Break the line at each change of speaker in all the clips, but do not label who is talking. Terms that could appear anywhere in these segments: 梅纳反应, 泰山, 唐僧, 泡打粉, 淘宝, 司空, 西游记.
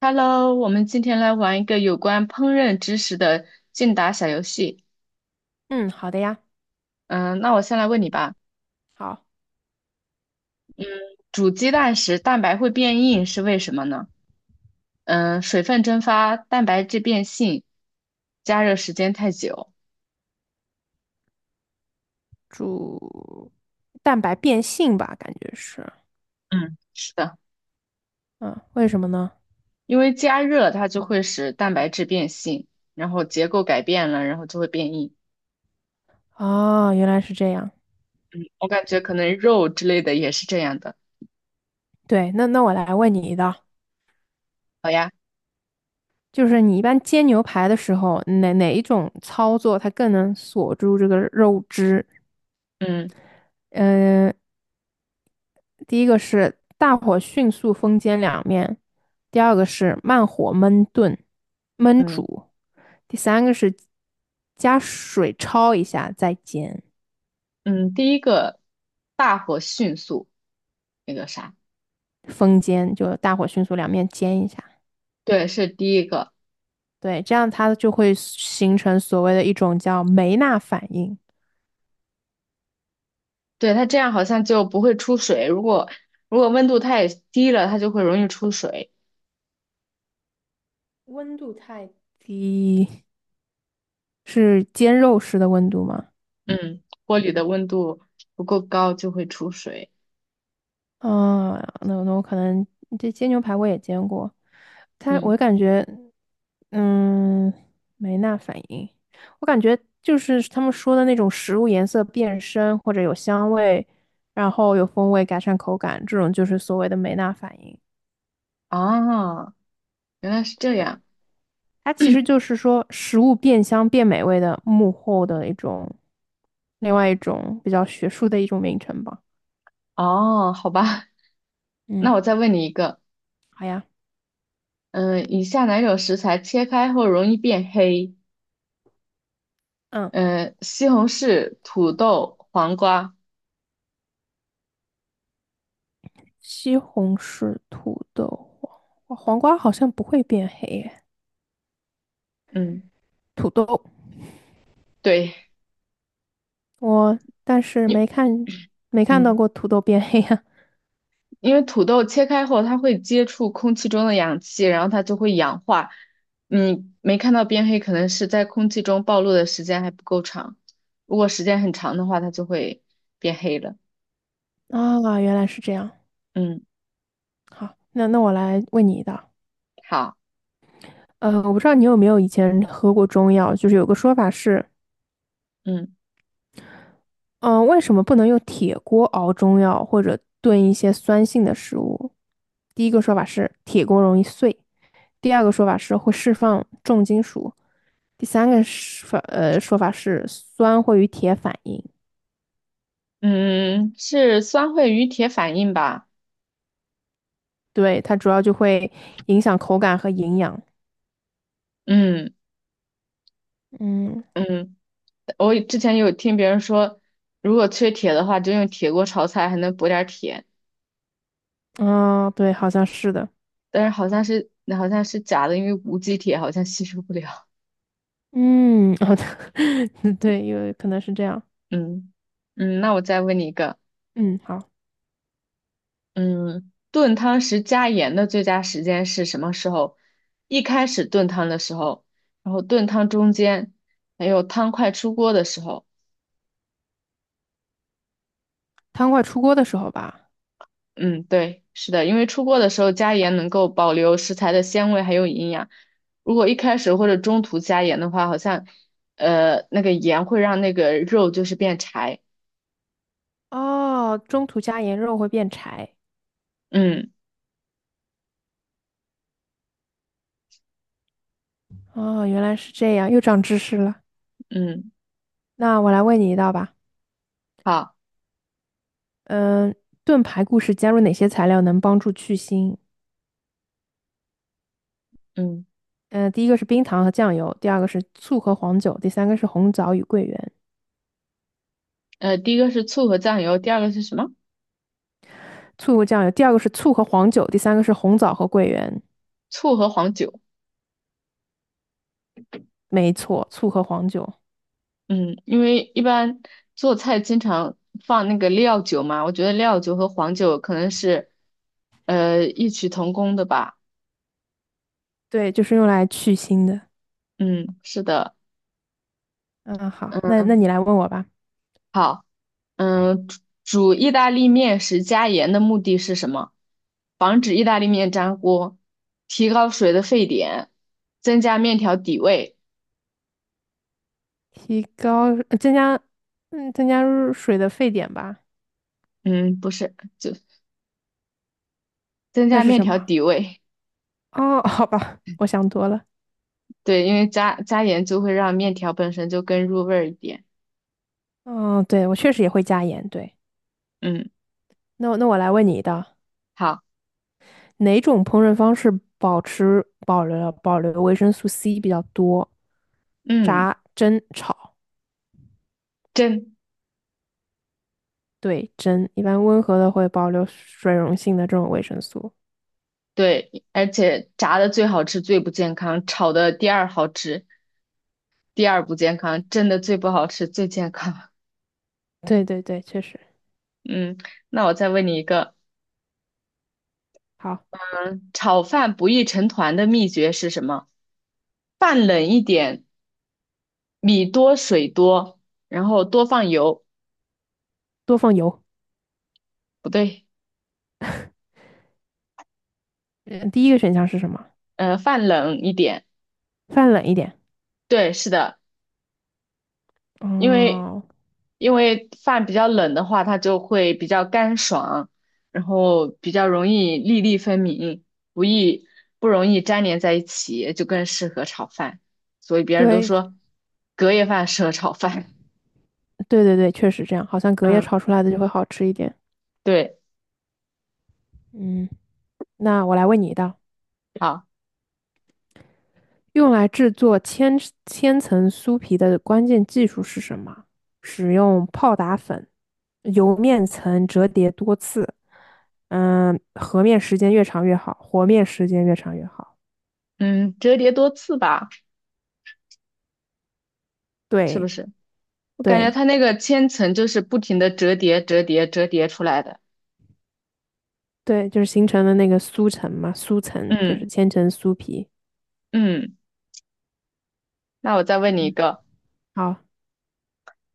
Hello，我们今天来玩一个有关烹饪知识的竞答小游戏。
嗯，好的呀，
嗯，那我先来问你吧，
好，
煮鸡蛋时蛋白会变硬是为什么呢？水分蒸发，蛋白质变性，加热时间太久。
煮蛋白变性吧，感觉是，
嗯，是的，
嗯，为什么呢？
因为加热它就会使蛋白质变性，然后结构改变了，然后就会变硬。
哦，原来是这样。
我感觉可能肉之类的也是这样的。
对，那我来问你一道，就是你一般煎牛排的时候，哪一种操作它更能锁住这个肉汁？
嗯
嗯，第一个是大火迅速封煎两面，第二个是慢火焖炖、焖
嗯
煮，第三个是加水焯一下再煎。
嗯，第一个大火迅速那个啥，
风煎，就大火迅速两面煎一下。
对，是第一个。
对，这样它就会形成所谓的一种叫梅纳反应。
对，它这样好像就不会出水。如果温度太低了，它就会容易出水。
温度太低是煎肉时的温度吗？
嗯，锅里的温度不够高就会出水。
啊，那我可能这煎牛排我也煎过，它我
嗯。
感觉，嗯，梅纳反应，我感觉就是他们说的那种食物颜色变深或者有香味，然后有风味改善口感，这种就是所谓的梅纳反应。
啊，原来是这
对，
样。
它其实就是说食物变香变美味的幕后的一种，另外一种比较学术的一种名称吧。
哦，好吧，
嗯，
那我再问你一个。
好呀，
嗯，以下哪种食材切开后容易变黑？
嗯，
嗯，西红柿、土豆、黄瓜。
西红柿、土豆、黄瓜，黄瓜好像不会变黑耶。
嗯，
土豆，
对，
我但是
你，
没看到过
嗯。
土豆变黑呀。
因为土豆切开后，它会接触空气中的氧气，然后它就会氧化。你没看到变黑，可能是在空气中暴露的时间还不够长。如果时间很长的话，它就会变黑了。
啊，原来是这样。
嗯。
好，那我来问你一道。
好。
我不知道你有没有以前喝过中药，就是有个说法是，
嗯
为什么不能用铁锅熬中药或者炖一些酸性的食物？第一个说法是铁锅容易碎，第二个说法是会释放重金属，第三个是法呃说法是酸会与铁反应，
嗯，是酸会与铁反应吧？
对，它主要就会影响口感和营养。
嗯。
嗯，
嗯，我之前有听别人说，如果缺铁的话，就用铁锅炒菜还能补点儿铁，
啊、对，好像是的。
但是好像是假的，因为无机铁好像吸收不了。
嗯，好的，对，有可能是这样。
嗯。那我再问你一个。
嗯，好，
嗯，炖汤时加盐的最佳时间是什么时候？一开始炖汤的时候，然后炖汤中间，还有汤快出锅的时候。
汤快出锅的时候吧。
嗯，对，是的，因为出锅的时候加盐能够保留食材的鲜味还有营养。如果一开始或者中途加盐的话，好像那个盐会让那个肉就是变柴。
哦，中途加盐肉会变柴。
嗯
哦，原来是这样，又长知识了。
嗯。
那我来问你一道吧。
好。
嗯，炖排骨时加入哪些材料能帮助去腥？
嗯
嗯，第一个是冰糖和酱油，第二个是醋和黄酒，第三个是红枣与桂圆。
第一个是醋和酱油，第二个是什么？
醋和酱油，第二个是醋和黄酒，第三个是红枣和桂圆。
醋和黄酒。
没错，醋和黄酒，
嗯，因为一般做菜经常放那个料酒嘛，我觉得料酒和黄酒可能是异曲同工的吧。
对，就是用来去腥的。
嗯，是的。
嗯，好，那
嗯，
那你来问我吧。
好。嗯，煮煮意大利面时加盐的目的是什么？防止意大利面粘锅，提高水的沸点，增加面条底味。
提高，呃增加，增加入水的沸点吧。
嗯，不是，就增
那
加
是
面
什
条
么？
底味。
哦，好吧，我想多了。
对，因为加盐就会让面条本身就更入味儿一点。
嗯，对，我确实也会加盐，对。
嗯，
那我来问你一道，
好。
哪种烹饪方式保留维生素 C 比较多？
嗯。
炸、蒸、炒，
真
对，蒸，一般温和的会保留水溶性的这种维生素。
对，而且炸的最好吃，最不健康；炒的第二好吃，第二不健康；蒸的最不好吃，最健康。
对对对，确实。
嗯，那我再问你一个，
好，
炒饭不易成团的秘诀是什么？饭冷一点，米多水多，然后多放油，
多放油。
不对，
嗯，第一个选项是什么？
饭冷一点，
放冷一点。
对，是的，因为
哦，
因为饭比较冷的话，它就会比较干爽，然后比较容易粒粒分明，不易不容易粘连在一起，就更适合炒饭。所以别人都
对
说隔夜饭适合炒饭。
对对对，确实这样，好像 隔夜
嗯，
炒出来的就会好吃一点。
对，
嗯，那我来问你一道。
好，
用来制作千层酥皮的关键技术是什么？使用泡打粉，由面层折叠多次。嗯，和面时间越长越好，和面时间越长越好。
嗯，折叠多次吧，是不
对
是？我感觉
对
它那个千层就是不停的折叠、折叠、折叠出来的。
对，就是形成的那个酥层嘛，酥层就是
嗯。
千层酥皮。
嗯，那我再问你一个。
好，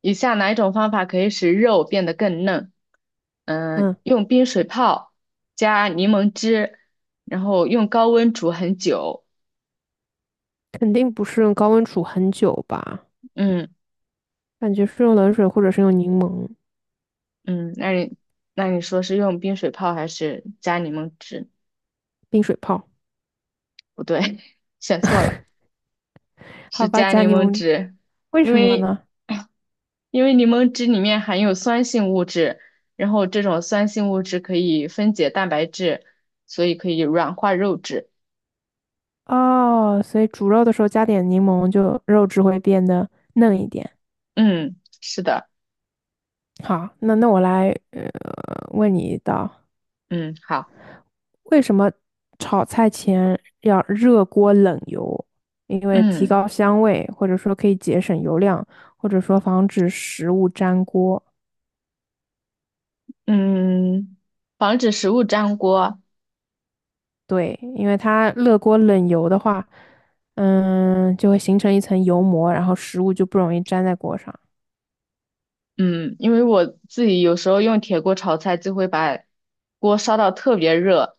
以下哪一种方法可以使肉变得更嫩？嗯，
嗯，
用冰水泡，加柠檬汁，然后用高温煮很久。
肯定不是用高温煮很久吧？
嗯。
感觉是用冷水或者是用柠檬
嗯，那你那你说是用冰水泡还是加柠檬汁？
冰水泡。
不对，选错了，
好
是
吧，
加
加
柠
柠
檬
檬，
汁，
为
因
什么
为
呢？
因为柠檬汁里面含有酸性物质，然后这种酸性物质可以分解蛋白质，所以可以软化肉质。
哦，所以煮肉的时候加点柠檬，就肉质会变得嫩一点。
嗯，是的。
好，那我来问你一道，
嗯，好。
为什么炒菜前要热锅冷油？因为提
嗯。
高香味，或者说可以节省油量，或者说防止食物粘锅。
嗯，防止食物粘锅。
对，因为它热锅冷油的话，嗯，就会形成一层油膜，然后食物就不容易粘在锅上。
嗯，因为我自己有时候用铁锅炒菜，就会把锅烧到特别热，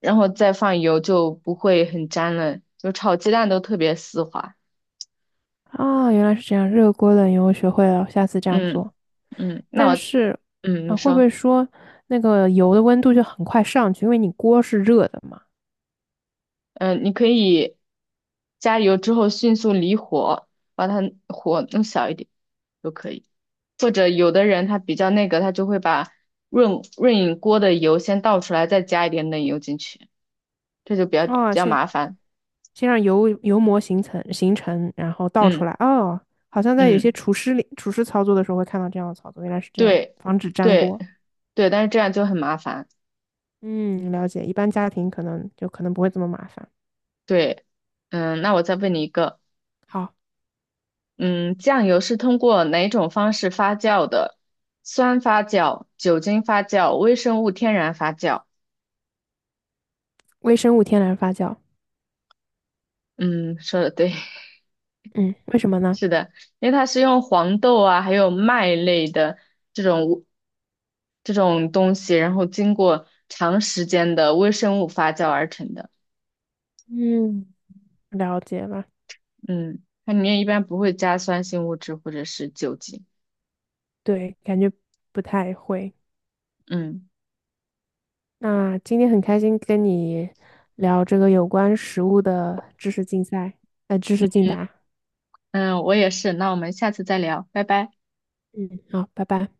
然后再放油就不会很粘了，就炒鸡蛋都特别丝滑。
啊、原来是这样，热锅冷油我学会了，我下次这样
嗯。
做。
嗯，那
但
我。
是
嗯，
啊，
你
会不会
说。
说那个油的温度就很快上去，因为你锅是热的嘛？
你可以加油之后迅速离火，把它火弄小一点都可以。或者有的人他比较那个，他就会把润饮锅的油先倒出来，再加一点冷油进去，这就比较比
哦，
较
先
麻烦。
先让油膜形成，然后倒出
嗯。
来。哦，好像在有些
嗯，
厨师操作的时候会看到这样的操作，原来是这样，
对
防止粘
对
锅。
对，但是这样就很麻烦。
嗯，了解。一般家庭可能不会这么麻烦。
对。那我再问你一个。
好，
嗯，酱油是通过哪种方式发酵的？酸发酵、酒精发酵、微生物天然发酵？
微生物天然发酵。
嗯，说的对，
嗯，为什么呢？
是的，因为它是用黄豆啊，还有麦类的这种这种东西，然后经过长时间的微生物发酵而成的。
嗯，了解了，
嗯，它里面一般不会加酸性物质或者是酒精。
对，感觉不太会。
嗯。
那今天很开心跟你聊这个有关食物的知识竞答。
嗯，我也是。那我们下次再聊，拜拜。
嗯，好，拜拜。